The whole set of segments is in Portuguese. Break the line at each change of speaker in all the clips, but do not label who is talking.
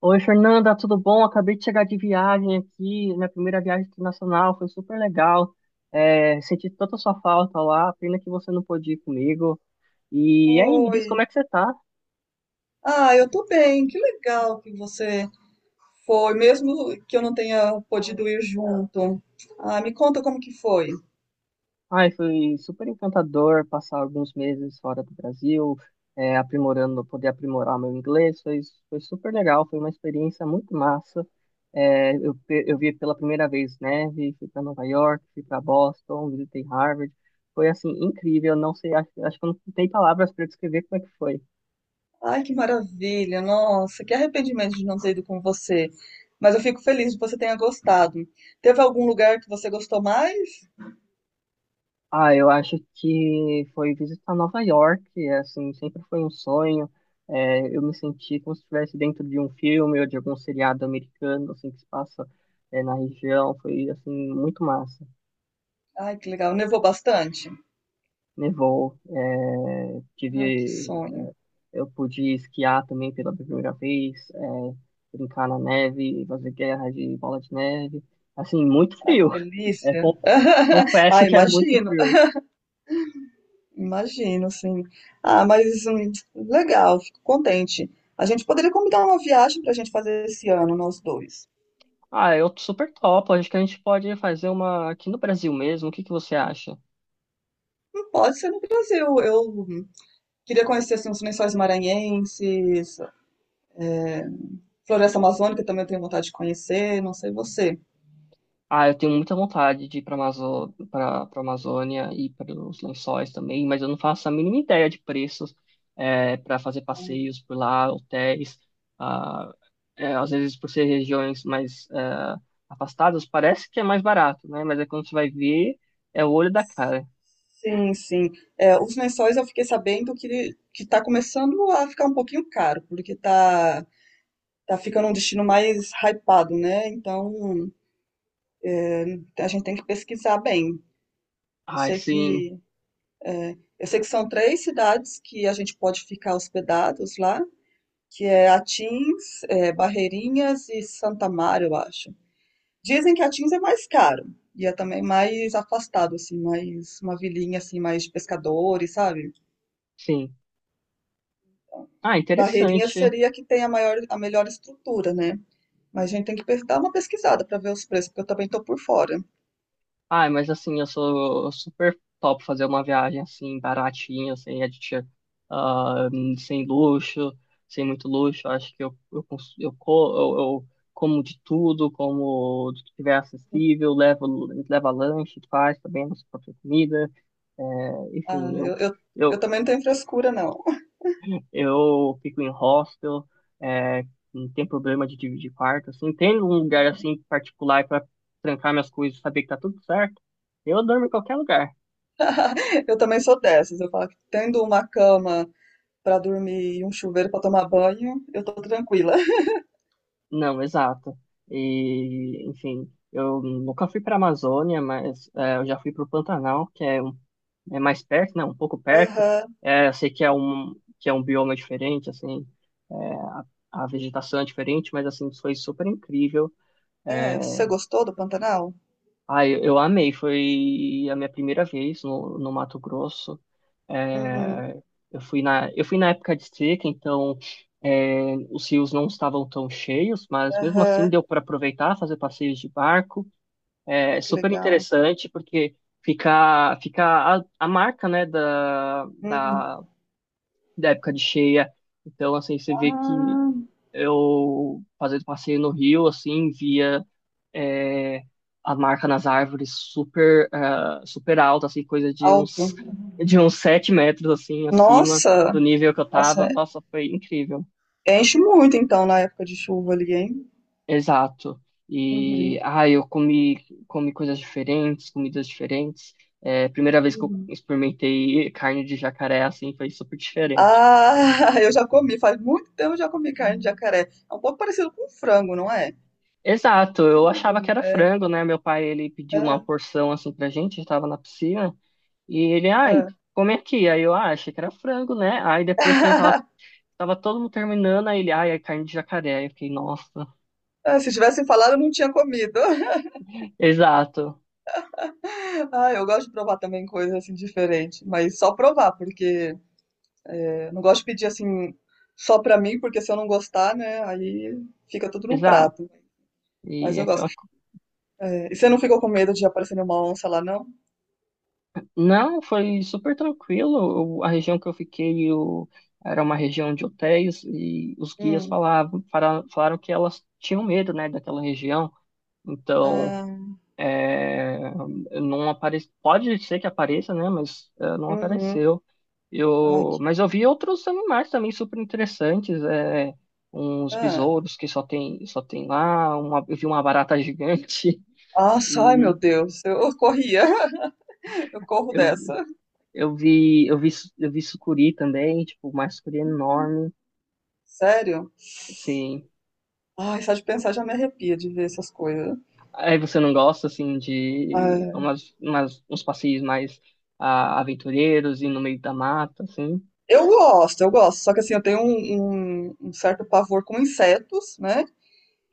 Oi, Fernanda, tudo bom? Acabei de chegar de viagem aqui. Minha primeira viagem internacional foi super legal. Senti tanta sua falta lá. Pena que você não pôde ir comigo. E aí, me
Oi.
diz como é que você tá?
Ah, eu tô bem. Que legal que você foi, mesmo que eu não tenha podido ir junto. Ah, me conta como que foi.
Ai, foi super encantador passar alguns meses fora do Brasil, aprimorando, poder aprimorar meu inglês. Foi super legal. Foi uma experiência muito massa. Eu vi pela primeira vez neve, fui para Nova York, fui para Boston, visitei Harvard. Foi assim incrível, não sei, acho que eu não tem palavras para descrever como é que foi.
Ai, que maravilha. Nossa, que arrependimento de não ter ido com você. Mas eu fico feliz que você tenha gostado. Teve algum lugar que você gostou mais?
Ah, eu acho que foi visitar Nova York, assim, sempre foi um sonho. Eu me senti como se estivesse dentro de um filme ou de algum seriado americano, assim, que se passa, na região. Foi, assim, muito massa.
Ai, que legal. Nevou bastante?
Nevou,
Ai, que
tive.
sonho.
Eu pude esquiar também pela primeira vez, brincar na neve, fazer guerra de bola de neve. Assim, muito
Ai, que
frio. É,
delícia.
con-
Ah,
Confesso que é muito
imagina.
frio.
Imagino, sim. Ah, mas legal, fico contente. A gente poderia combinar uma viagem para a gente fazer esse ano, nós dois.
Ah, eu super topo. Acho que a gente pode fazer uma aqui no Brasil mesmo. O que que você acha?
Não pode ser no Brasil. Eu queria conhecer assim, os Lençóis Maranhenses, Floresta Amazônica também eu tenho vontade de conhecer, não sei você.
Ah, eu tenho muita vontade de ir para Amazo... para Amazônia e para os Lençóis também, mas eu não faço a mínima ideia de preços para fazer passeios por lá, hotéis. Ah, é, às vezes, por ser regiões mais afastadas, parece que é mais barato, né? Mas é quando você vai ver, é o olho da cara.
Sim, sim. É, os lençóis eu fiquei sabendo que está começando a ficar um pouquinho caro, porque tá, tá ficando um destino mais hypado, né? Então a gente tem que pesquisar bem. Eu
Ah, é
sei
sim,
que Eu sei que são três cidades que a gente pode ficar hospedados lá, que é Atins, Barreirinhas e Santa Mário, eu acho. Dizem que Atins é mais caro e é também mais afastado, assim, mais uma vilinha assim, mais de pescadores, sabe?
sim. Ah,
Barreirinhas
interessante.
seria que tem a maior, a melhor estrutura, né? Mas a gente tem que dar uma pesquisada para ver os preços, porque eu também tô por fora.
Ai, mas assim, eu sou super top fazer uma viagem assim, baratinha, sem aditivo, ah, sem luxo, sem muito luxo. Acho que eu, cons- eu, co- eu como de tudo, como do que tiver acessível, levo, leva lanche, faz também a nossa própria comida. É,
Ah,
enfim, eu,
eu também não tenho frescura, não.
eu fico em hostel, é, não tem problema de dividir quarto, assim. Tem um lugar assim particular para trancar minhas coisas, e saber que tá tudo certo. Eu durmo em qualquer lugar.
Eu também sou dessas. Eu falo que tendo uma cama para dormir e um chuveiro para tomar banho, eu tô tranquila.
Não, exato. E, enfim, eu nunca fui para a Amazônia, mas é, eu já fui para o Pantanal, é mais perto, né? Um pouco perto.
Aham.
É, eu sei que é um bioma diferente, assim, é, a vegetação é diferente, mas assim foi super incrível.
É,
É,
você gostou do Pantanal?
ah, eu amei. Foi a minha primeira vez no Mato Grosso.
Uhum.
É, eu fui na época de seca, então os rios não estavam tão cheios, mas mesmo assim
Aham.
deu para aproveitar, fazer passeios de barco. É
Ai, que
super
legal.
interessante porque fica a marca, né,
Uhum.
da época de cheia. Então, assim, você vê que
Ah,
eu fazendo passeio no rio, assim, via é, a marca nas árvores super, ah, super alta, assim, coisa
alto.
de uns 7 metros, assim, acima do
Nossa,
nível que eu tava.
nossa,
Nossa, foi incrível.
enche muito então na época de chuva ali, hein?
Exato. E,
Uhum.
ah, comi coisas diferentes, comidas diferentes. É, primeira vez que eu
Uhum.
experimentei carne de jacaré, assim, foi super diferente.
Ah, eu já comi, faz muito tempo eu já comi carne de jacaré. É um pouco parecido com frango, não é?
Exato, eu
Não lembro
achava que
muito.
era
É,
frango, né? Meu pai, ele pediu uma
é,
porção, assim, pra gente, a gente tava na piscina. E ele, ai,
é.
come aqui. Aí eu, ah, achei que era frango, né? Aí depois que a gente tava todo mundo terminando, aí ele, ai, é carne de jacaré. Aí eu fiquei, nossa.
Ah, se tivessem falado, eu não tinha comido.
Exato,
Ah, eu gosto de provar também coisas assim diferente, mas só provar, porque eu não gosto de pedir assim só pra mim, porque se eu não gostar, né, aí fica tudo no
exato.
prato. Mas
E
eu gosto.
aquela co-.
É, e você não ficou com medo de aparecer nenhuma onça lá, não?
Não, foi super tranquilo. O-. A região que eu fiquei eu... era uma região de hotéis e os guias
Hum.
falaram que elas tinham medo, né, daquela região. Então.
Ah,
É, não aparece, pode ser que apareça, né? Mas é, não
uhum.
apareceu.
Ai,
Eu,
que...
mas eu vi outros animais também super interessantes, uns
ah.
besouros só tem lá, uma, eu vi uma barata gigante
Nossa, ai meu
e
Deus, eu corria, eu corro
eu,
dessa.
eu vi, eu vi, eu vi sucuri também, tipo, uma sucuri enorme,
Sério?
assim.
Ai, só de pensar já me arrepia de ver essas coisas.
Aí você não gosta, assim,
Ah,
uns passeios mais ah, aventureiros e no meio da mata, assim,
eu gosto, eu gosto. Só que assim, eu tenho um certo pavor com insetos, né?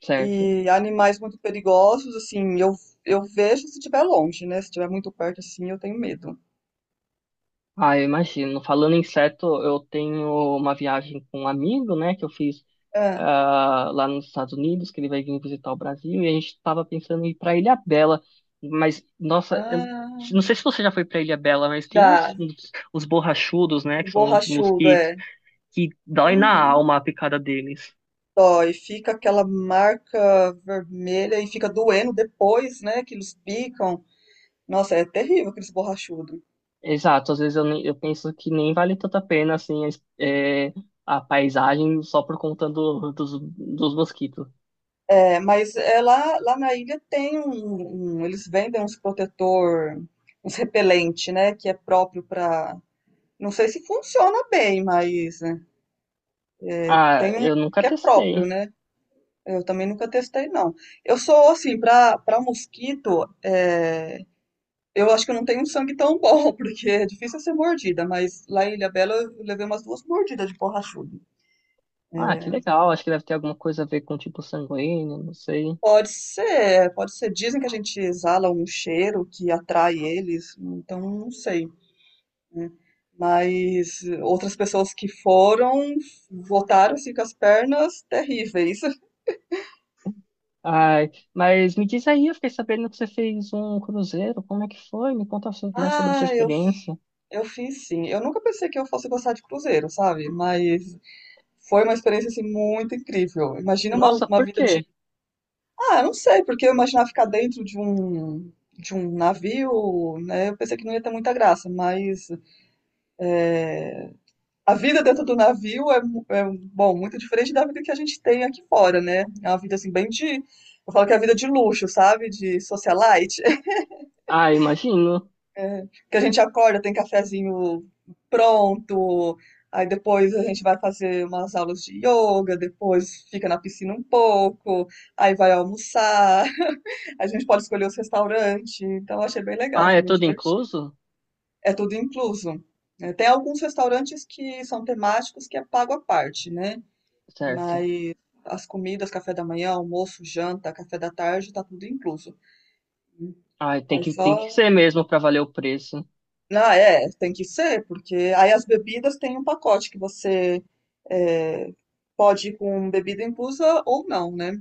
certo?
E animais muito perigosos, assim, eu vejo se estiver longe, né? Se estiver muito perto, assim, eu tenho medo.
Ah, eu imagino. Falando em inseto, eu tenho uma viagem com um amigo, né, que eu fiz
É.
ah, lá nos Estados Unidos, que ele vai vir visitar o Brasil, e a gente estava pensando em ir para Ilhabela. Mas, nossa, eu
Ah,
não sei se você já foi para Ilhabela, mas tem
já.
uns borrachudos, né, que são os
Borrachudo,
mosquitos,
é.
que dói na
Uhum.
alma a picada deles.
Dói, fica aquela marca vermelha e fica doendo depois, né? Que eles picam. Nossa, é terrível aqueles borrachudos.
Exato, às vezes eu penso que nem vale tanto a pena, assim, a paisagem só por conta dos mosquitos.
É, mas é lá, lá na ilha tem eles vendem uns protetor, uns repelente, né? Que é próprio pra. Não sei se funciona bem, mas. Né?
Ah,
Tem um
eu nunca
que é
testei.
próprio, né? Eu também nunca testei, não. Eu sou, assim, pra mosquito, é, eu acho que eu não tenho um sangue tão bom, porque é difícil ser mordida, mas lá em Ilhabela eu levei umas duas mordidas de borrachudo.
Ah, que legal. Acho que deve ter alguma coisa a ver com tipo sanguíneo, não sei.
Pode ser, pode ser. Dizem que a gente exala um cheiro que atrai eles, então não sei, né? Mas outras pessoas que foram, voltaram assim, com as pernas terríveis.
Ai, mas me diz aí, eu fiquei sabendo que você fez um cruzeiro. Como é que foi? Me conta mais sobre a sua
Ah,
experiência.
eu fiz sim. Eu nunca pensei que eu fosse gostar de cruzeiro, sabe? Mas foi uma experiência assim muito incrível. Imagina
Nossa,
uma
por
vida de.
quê?
Ah, eu não sei, porque eu imaginava ficar dentro de um navio, né? Eu pensei que não ia ter muita graça, mas a vida dentro do navio é, é bom, muito diferente da vida que a gente tem aqui fora, né? É uma vida assim bem de. Eu falo que é a vida de luxo, sabe? De socialite.
Ah, imagino.
Que a gente acorda, tem cafezinho pronto, aí depois a gente vai fazer umas aulas de yoga, depois fica na piscina um pouco, aí vai almoçar, a gente pode escolher os restaurantes, então eu achei bem legal,
Ah, é
assim, bem
tudo
divertido.
incluso?
É tudo incluso. Né? Tem alguns restaurantes que são temáticos que é pago à parte, né?
Certo.
Mas as comidas, café da manhã, almoço, janta, café da tarde, tá tudo incluso.
Ah,
Aí
tem que
só
ser mesmo para valer o preço.
ah, é, tem que ser, porque aí as bebidas tem um pacote que você é, pode ir com bebida inclusa ou não, né?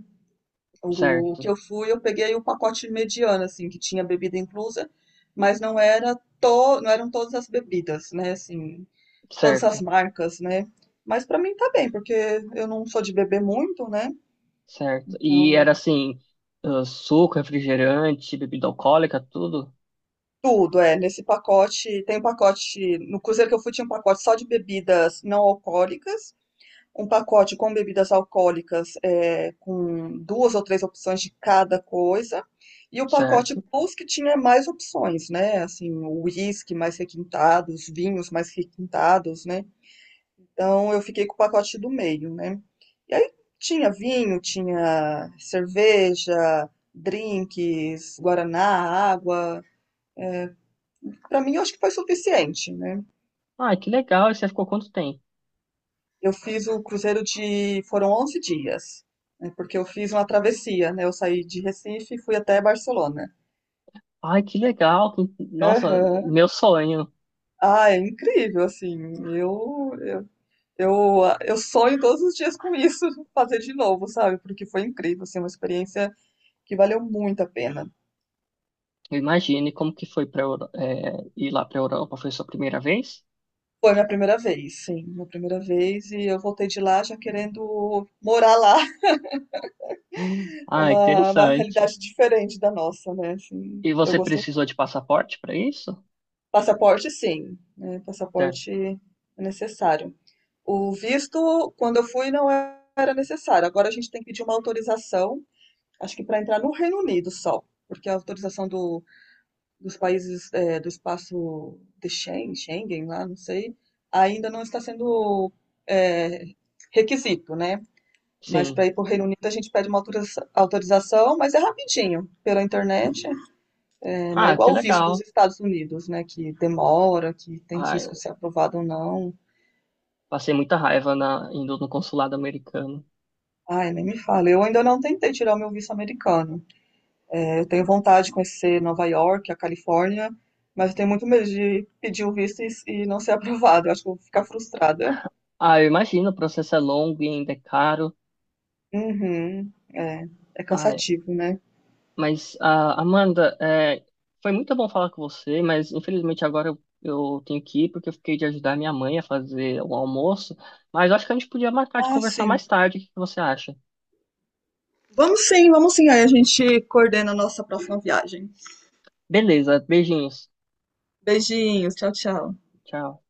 O que
Certo,
eu fui, eu peguei o pacote mediano, assim, que tinha bebida inclusa, mas não eram todas as bebidas, né? Assim, todas as
certo,
marcas, né? Mas pra mim tá bem, porque eu não sou de beber muito, né?
certo. E era
Então,
assim, ah, suco, refrigerante, bebida alcoólica, tudo?
tudo, é, nesse pacote, tem um pacote, no cruzeiro que eu fui tinha um pacote só de bebidas não alcoólicas, um pacote com bebidas alcoólicas, com duas ou três opções de cada coisa, e o pacote
Certo.
plus que tinha mais opções, né? Assim, o uísque mais requintado, os vinhos mais requintados, né? Então eu fiquei com o pacote do meio, né? E aí tinha vinho, tinha cerveja, drinks, guaraná, água. Para mim, eu acho que foi suficiente, né?
Ah, que legal. E você ficou quanto tempo?
Eu fiz o cruzeiro de. Foram 11 dias, né, porque eu fiz uma travessia, né? Eu saí de Recife e fui até Barcelona.
Ai, que legal, que-. Nossa,
Aham.
meu sonho.
Ah, é incrível, assim. Eu, eu, eu sonho todos os dias com isso, fazer de novo, sabe? Porque foi incrível, assim, uma experiência que valeu muito a pena.
Imagine como que foi para ir lá para Europa. Foi sua primeira vez?
Foi minha primeira vez, sim, minha primeira vez, e eu voltei de lá já querendo morar lá. É
Ah,
uma
interessante.
realidade diferente da nossa, né? Assim,
E
eu
você
gostei.
precisou de passaporte para isso?
Passaporte, sim, né,
Certo.
passaporte é necessário. O visto, quando eu fui, não era necessário. Agora a gente tem que pedir uma autorização, acho que para entrar no Reino Unido só, porque a autorização dos países é, do espaço de Schengen, Schengen lá, não sei, ainda não está sendo é, requisito, né? Mas
Sim.
para ir para o Reino Unido a gente pede uma autorização, mas é rapidinho, pela internet, não é
Ah, que
igual o visto
legal.
dos Estados Unidos, né? Que demora, que tem
Ai,
risco de ser aprovado ou não.
passei muita raiva na, indo no consulado americano.
Ai, nem me fala. Eu ainda não tentei tirar o meu visto americano. É, eu tenho vontade de conhecer Nova York, a Califórnia, mas eu tenho muito medo de pedir o visto e não ser aprovado. Eu acho que eu vou ficar frustrada.
Ah, eu imagino, o processo é longo e ainda é caro.
Uhum, é, é cansativo, né?
Mas, ah, Amanda, é, foi muito bom falar com você, mas infelizmente agora eu tenho que ir porque eu fiquei de ajudar minha mãe a fazer o almoço. Mas acho que a gente podia marcar de
Ah,
conversar
sim.
mais tarde. O que você acha?
Vamos sim, vamos sim. Aí a gente coordena a nossa próxima viagem.
Beleza, beijinhos.
Beijinhos, tchau, tchau.
Tchau.